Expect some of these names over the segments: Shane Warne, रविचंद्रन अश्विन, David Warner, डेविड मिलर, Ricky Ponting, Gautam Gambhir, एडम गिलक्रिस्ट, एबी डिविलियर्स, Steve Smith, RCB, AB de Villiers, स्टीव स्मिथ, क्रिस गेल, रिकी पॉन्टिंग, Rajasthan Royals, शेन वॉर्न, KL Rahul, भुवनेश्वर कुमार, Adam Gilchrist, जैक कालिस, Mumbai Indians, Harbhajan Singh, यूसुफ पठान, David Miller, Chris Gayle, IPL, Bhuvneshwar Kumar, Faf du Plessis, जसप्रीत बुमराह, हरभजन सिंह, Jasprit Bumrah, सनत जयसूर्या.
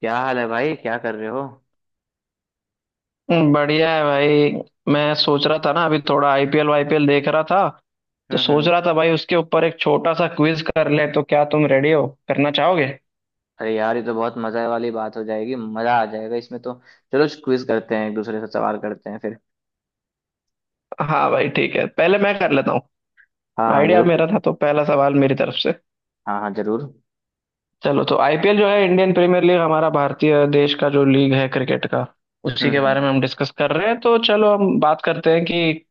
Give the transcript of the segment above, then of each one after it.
क्या हाल है भाई, क्या कर रहे हो? बढ़िया है भाई। मैं सोच रहा था ना, अभी थोड़ा आईपीएल वाईपीएल देख रहा था। तो सोच हम्म। रहा था भाई, उसके ऊपर एक छोटा सा क्विज कर ले, तो क्या तुम रेडी हो, करना चाहोगे? अरे यार, ये तो बहुत मजा वाली बात हो जाएगी, मजा आ जाएगा इसमें तो। चलो क्विज करते हैं, एक दूसरे से सवाल करते हैं फिर। हाँ भाई ठीक है, पहले मैं कर लेता हूँ। हाँ हाँ, आइडिया जरूर मेरा था पूछो। तो पहला सवाल मेरी तरफ से। हाँ हाँ, जरूर। चलो, तो आईपीएल जो है इंडियन प्रीमियर लीग, हमारा भारतीय देश का जो लीग है क्रिकेट का, उसी के बारे में हम्म। हम डिस्कस कर रहे हैं। तो चलो, हम बात करते हैं कि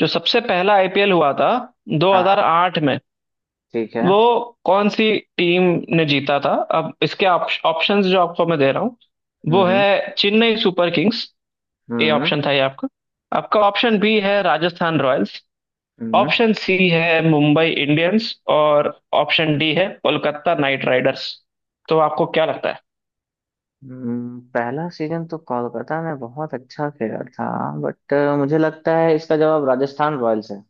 जो सबसे पहला आईपीएल हुआ था हाँ हाँ, 2008 में, ठीक है। वो कौन सी टीम ने जीता था। अब इसके ऑप्शंस जो आपको मैं दे रहा हूँ वो हम्म है चेन्नई सुपर किंग्स, ए हम्म। ऑप्शन था ये आपका। आपका ऑप्शन बी है राजस्थान रॉयल्स, हम्म। ऑप्शन सी है मुंबई इंडियंस, और ऑप्शन डी है कोलकाता नाइट राइडर्स। तो आपको क्या लगता है? पहला सीजन तो कोलकाता ने बहुत अच्छा खेला था, बट मुझे लगता है इसका जवाब राजस्थान रॉयल्स है।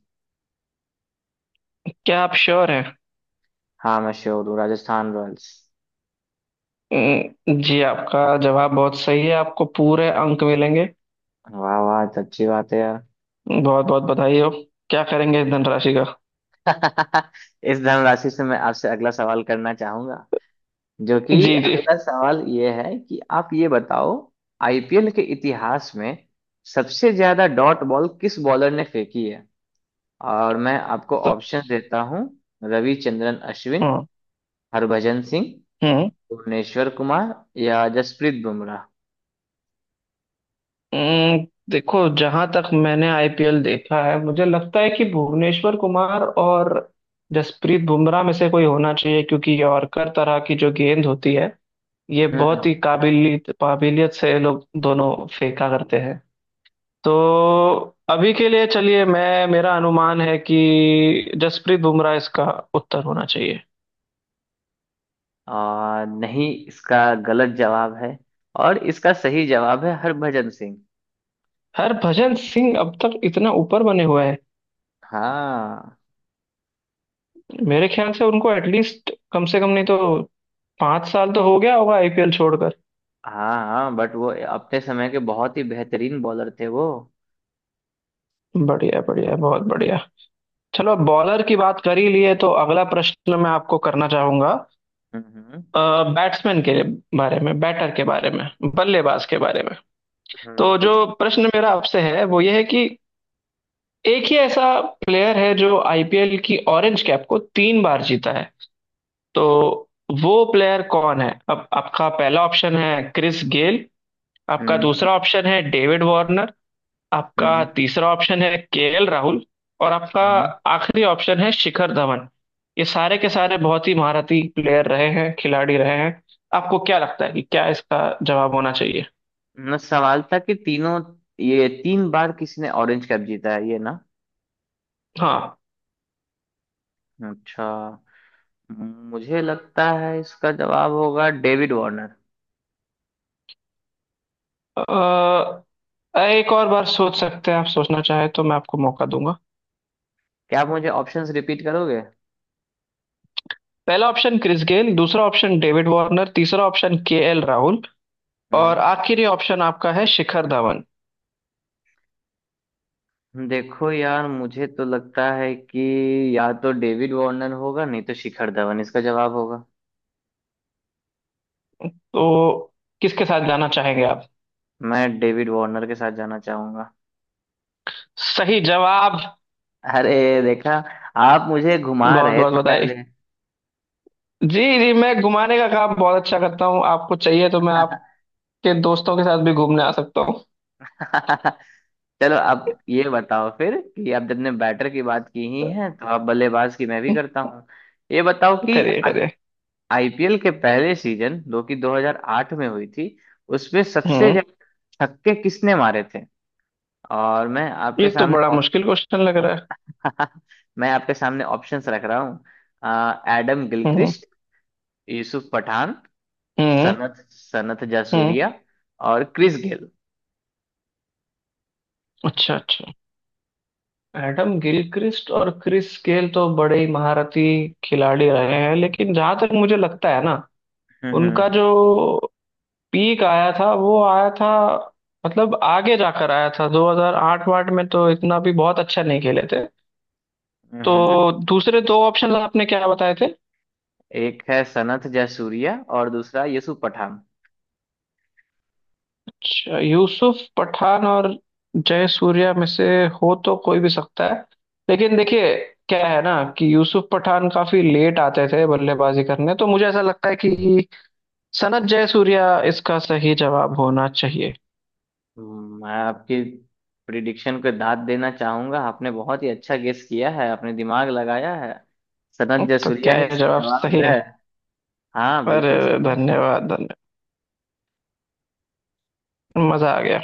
क्या आप श्योर हैं? हाँ, मैं श्योर हूँ, राजस्थान रॉयल्स। जी आपका जवाब बहुत सही है, आपको पूरे अंक मिलेंगे। वाह वाह, तो अच्छी बात है यार। बहुत बहुत बधाई हो। क्या करेंगे इस धनराशि का? इस धनराशि से मैं आपसे अगला सवाल करना चाहूंगा। जो कि जी जी। अगला सवाल ये है कि आप ये बताओ, आईपीएल के इतिहास में सबसे ज्यादा डॉट बॉल किस बॉलर ने फेंकी है? और मैं आपको सब। ऑप्शन देता हूँ। रविचंद्रन अश्विन, हाँ। हरभजन सिंह, हम्म। भुवनेश्वर कुमार या जसप्रीत बुमराह। देखो, जहां तक मैंने आईपीएल देखा है, मुझे लगता है कि भुवनेश्वर कुमार और जसप्रीत बुमराह में से कोई होना चाहिए, क्योंकि यॉर्कर तरह की जो गेंद होती है, ये बहुत हम्म। ही काबिलियत काबिलियत से ये लोग दोनों फेंका करते हैं। तो अभी के लिए चलिए, मैं मेरा अनुमान है कि जसप्रीत बुमराह इसका उत्तर होना चाहिए। नहीं, इसका गलत जवाब है, और इसका सही जवाब है हरभजन सिंह। हरभजन सिंह अब तक इतना ऊपर बने हुए हैं? हाँ मेरे ख्याल से उनको एटलीस्ट, कम से कम नहीं तो 5 साल तो हो गया होगा आईपीएल छोड़कर। हाँ, हाँ बट वो अपने समय के बहुत ही बेहतरीन बॉलर थे वो। बढ़िया बढ़िया, बहुत बढ़िया। चलो बॉलर की बात कर ही लिए तो अगला प्रश्न मैं आपको करना चाहूंगा, हम्म। बैट्समैन के बारे में, बैटर के बारे में, बल्लेबाज के बारे में। तो जो पूछो। प्रश्न मेरा आपसे है वो ये है कि एक ही ऐसा प्लेयर है जो आईपीएल की ऑरेंज कैप को 3 बार जीता है। तो वो प्लेयर कौन है? अब आपका पहला ऑप्शन है क्रिस गेल, आपका हम्म दूसरा ऑप्शन है डेविड वार्नर, आपका हम्म। तीसरा ऑप्शन है केएल राहुल, और आपका हम्म। आखिरी ऑप्शन है शिखर धवन। ये सारे के सारे बहुत ही महारथी प्लेयर रहे हैं, खिलाड़ी रहे हैं। आपको क्या लगता है कि क्या इसका जवाब होना चाहिए? ना, सवाल था कि तीनों, ये तीन बार किसी ने ऑरेंज कैप जीता है ये ना। हाँ। अच्छा, मुझे लगता है इसका जवाब होगा डेविड वार्नर। अ, एक और बार सोच सकते हैं आप, सोचना चाहे तो मैं आपको मौका दूंगा। क्या आप मुझे ऑप्शंस रिपीट करोगे? पहला ऑप्शन क्रिस गेल, दूसरा ऑप्शन डेविड वार्नर, तीसरा ऑप्शन केएल राहुल, और हम्म। आखिरी ऑप्शन आपका है शिखर धवन। देखो यार, मुझे तो लगता है कि या तो डेविड वार्नर होगा, नहीं तो शिखर धवन इसका जवाब होगा। तो किसके साथ जाना चाहेंगे आप? मैं डेविड वार्नर के साथ जाना चाहूंगा। सही जवाब। अरे देखा, आप मुझे घुमा बहुत रहे बहुत थे बधाई। पहले। जी जी, मैं घुमाने का काम बहुत अच्छा करता हूँ, आपको चाहिए तो मैं आपके दोस्तों के साथ भी घूमने आ सकता हूँ। चलो, अब ये बताओ फिर कि अब जब ने बैटर की बात की ही है तो अब बल्लेबाज की मैं भी करता हूँ। ये बताओ कि करिए आई करिए। आईपीएल के पहले सीजन, जो कि 2008 में हुई थी, उसमें सबसे हम्म। ज्यादा छक्के किसने मारे थे? और मैं ये आपके तो सामने बड़ा ऑप-। मुश्किल क्वेश्चन लग रहा है। मैं आपके सामने ऑप्शंस रख रहा हूँ। एडम हम्म। गिलक्रिस्ट, यूसुफ पठान, हम्म। सनत सनत हम्म। जयसूर्या और क्रिस गेल। अच्छा अच्छा। एडम गिलक्रिस्ट और क्रिस गेल तो बड़े ही महारथी खिलाड़ी रहे हैं, लेकिन जहां तक मुझे लगता है ना, उनका हम्म जो पीक आया था वो आया था, मतलब आगे जाकर आया था, 2008 वाट में तो इतना भी बहुत अच्छा नहीं खेले थे। हम्म। तो हम्म। दूसरे दो ऑप्शन आपने क्या बताए थे? एक है सनत जयसूर्या और दूसरा यूसुफ पठान। अच्छा, यूसुफ पठान और जय सूर्या में से हो तो कोई भी सकता है, लेकिन देखिए, क्या है ना कि यूसुफ पठान काफी लेट आते थे बल्लेबाजी करने, तो मुझे ऐसा लगता है कि सनत जयसूर्या इसका सही जवाब होना चाहिए। मैं आपकी प्रिडिक्शन को दाद देना चाहूंगा। आपने बहुत ही अच्छा गेस किया है, आपने दिमाग लगाया है। सनत तो जयसूर्या क्या ही ये इसका जवाब जवाब सही है। है? हाँ, पर बिल्कुल सही है। धन्यवाद धन्यवाद। मजा आ गया।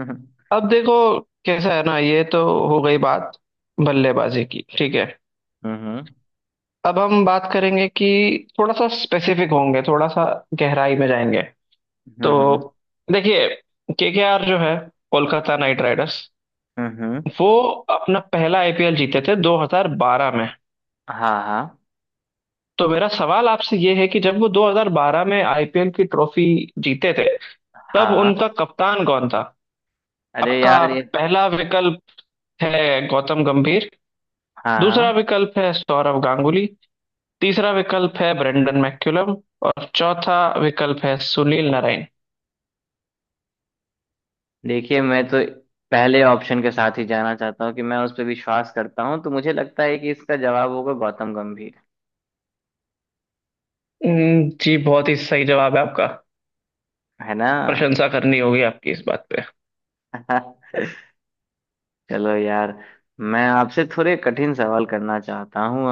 हम्म अब देखो, कैसा है ना, ये तो हो गई बात बल्लेबाजी की, ठीक है। हम्म। अब हम बात करेंगे कि थोड़ा सा स्पेसिफिक होंगे, थोड़ा सा गहराई में जाएंगे। तो हम्म देखिए, केकेआर जो है, कोलकाता नाइट राइडर्स, हम्म। वो अपना पहला आईपीएल जीते थे 2012 में। हाँ हाँ। तो मेरा सवाल आपसे ये है कि जब वो 2012 में आईपीएल की ट्रॉफी जीते थे, तब हाँ, उनका कप्तान कौन था? अरे आपका यार ये। पहला विकल्प है गौतम गंभीर, हाँ दूसरा हाँ। विकल्प है सौरव गांगुली, तीसरा विकल्प है ब्रेंडन मैक्यूलम, और चौथा विकल्प है सुनील नारायण। देखिए, मैं तो पहले ऑप्शन के साथ ही जाना चाहता हूँ कि मैं उस पर विश्वास करता हूँ, तो मुझे लगता है कि इसका जवाब होगा गौतम गंभीर। जी बहुत ही सही जवाब है आपका। है ना? प्रशंसा करनी होगी आपकी इस बात। चलो यार, मैं आपसे थोड़े कठिन सवाल करना चाहता हूँ।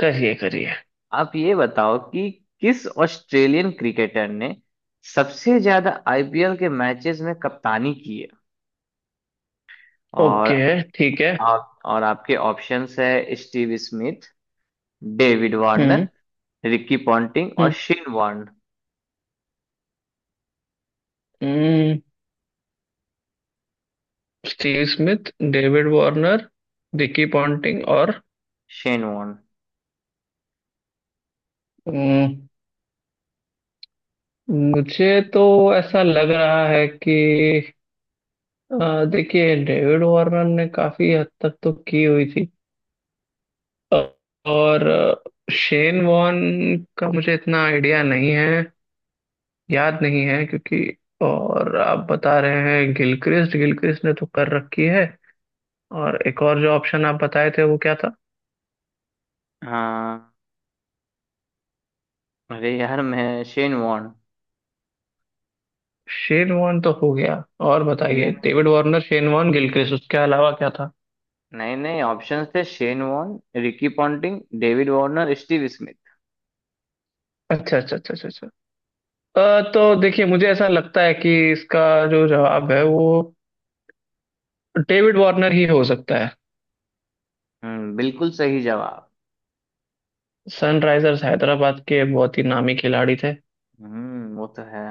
करिए करिए। आप ये बताओ कि किस ऑस्ट्रेलियन क्रिकेटर ने सबसे ज्यादा आईपीएल के मैचेस में कप्तानी की है? और ओके, ठीक है। आप, और आपके ऑप्शंस है स्टीव स्मिथ, डेविड हम्म। वार्नर, रिकी पॉन्टिंग और हम्म। शेन वॉर्न। हम्म, स्टीव स्मिथ, David Warner, रिकी पॉन्टिंग और। शेन वॉर्न। हम्म, मुझे तो ऐसा लग रहा है कि देखिए, डेविड वार्नर ने काफी हद तक तो की हुई थी। अ, और शेन वॉन का मुझे इतना आइडिया नहीं है, याद नहीं है, क्योंकि। और आप बता रहे हैं गिलक्रिस्ट, गिलक्रिस्ट ने तो कर रखी है। और एक और जो ऑप्शन आप बताए थे वो क्या था? हाँ, अरे यार मैं शेन वॉर्न। शेन वॉर्न तो हो गया, और बताइए Shane, David Warner, शेन वॉर्न, Gilchrist, उसके अलावा क्या था? नहीं नहीं, ऑप्शंस थे शेन वॉर्न, रिकी पॉन्टिंग, David Warner, स्टीव स्मिथ। अच्छा अच्छा अच्छा अच्छा अच्छा। तो देखिए, मुझे ऐसा लगता है कि इसका जो जवाब है वो डेविड वार्नर ही हो सकता है। हम्म, बिल्कुल सही जवाब। सनराइजर्स हैदराबाद के बहुत ही नामी खिलाड़ी थे। हम्म, वो तो है।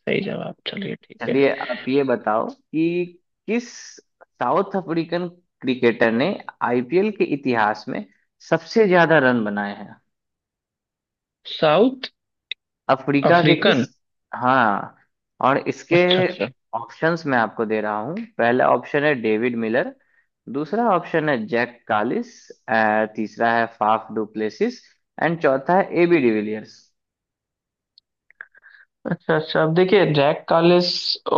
सही जवाब, चलिए ठीक है। चलिए, आप ये बताओ कि किस साउथ अफ्रीकन क्रिकेटर ने आईपीएल के इतिहास में सबसे ज्यादा रन बनाए हैं? साउथ अफ्रीका के किस? अफ्रीकन। हाँ। और इसके अच्छा अच्छा। ऑप्शंस मैं आपको दे रहा हूँ। पहला ऑप्शन है डेविड मिलर, दूसरा ऑप्शन है जैक कालिस, तीसरा है फाफ डुप्लेसिस एंड चौथा है एबी डिविलियर्स। अच्छा अच्छा, अब देखिए जैक कालिस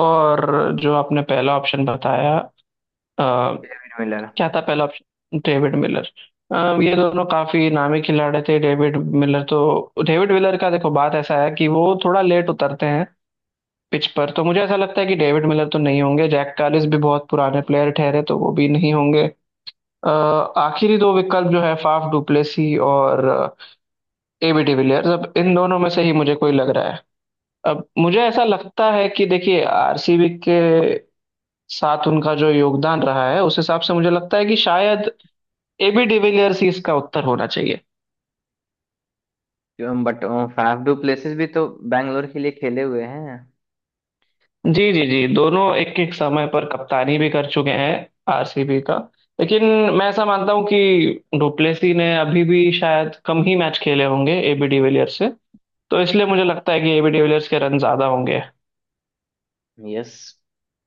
और जो आपने पहला ऑप्शन बताया, मिलर। क्या था पहला ऑप्शन? डेविड मिलर। ये दोनों काफी नामी खिलाड़ी थे, डेविड मिलर तो। डेविड मिलर का देखो, बात ऐसा है कि वो थोड़ा लेट उतरते हैं पिच पर, तो मुझे ऐसा लगता है कि डेविड मिलर तो नहीं होंगे, जैक कालिस भी बहुत पुराने प्लेयर ठहरे तो वो भी नहीं होंगे। अ, आखिरी दो विकल्प जो है फाफ डुप्लेसी और एबी डिविलियर्स, अब इन दोनों में से ही मुझे कोई लग रहा है। अब मुझे ऐसा लगता है कि देखिए, आरसीबी के साथ उनका जो योगदान रहा है, उस हिसाब से मुझे लगता है कि शायद एबी डिविलियर्स ही इसका उत्तर होना चाहिए। बट फाफ डुप्लेसिस भी तो बैंगलोर के लिए खेले हुए हैं। जी जी जी, दोनों एक एक समय पर कप्तानी भी कर चुके हैं आरसीबी का, लेकिन मैं ऐसा मानता हूं कि डुप्लेसी ने अभी भी शायद कम ही मैच खेले होंगे एबी डिविलियर्स से, तो इसलिए मुझे लगता है कि एबी डिविलियर्स के रन ज्यादा होंगे। यस,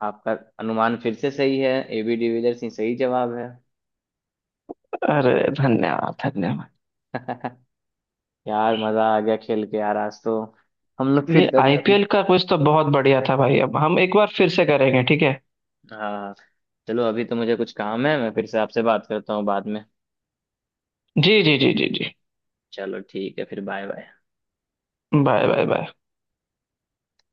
आपका अनुमान फिर से सही है। एबी डिविलियर्स ही सही जवाब है। अरे, धन्यवाद धन्यवाद। यार, मजा आ गया खेल के यार आज तो। हम लोग फिर ये कभी अपने। आईपीएल का कुछ तो बहुत बढ़िया था भाई, अब हम एक बार फिर से करेंगे, ठीक है। हाँ, चलो अभी तो मुझे कुछ काम है, मैं फिर से आपसे बात करता हूँ बाद में। जी जी जी जी जी। चलो ठीक है, फिर bye bye. Bye bye bye.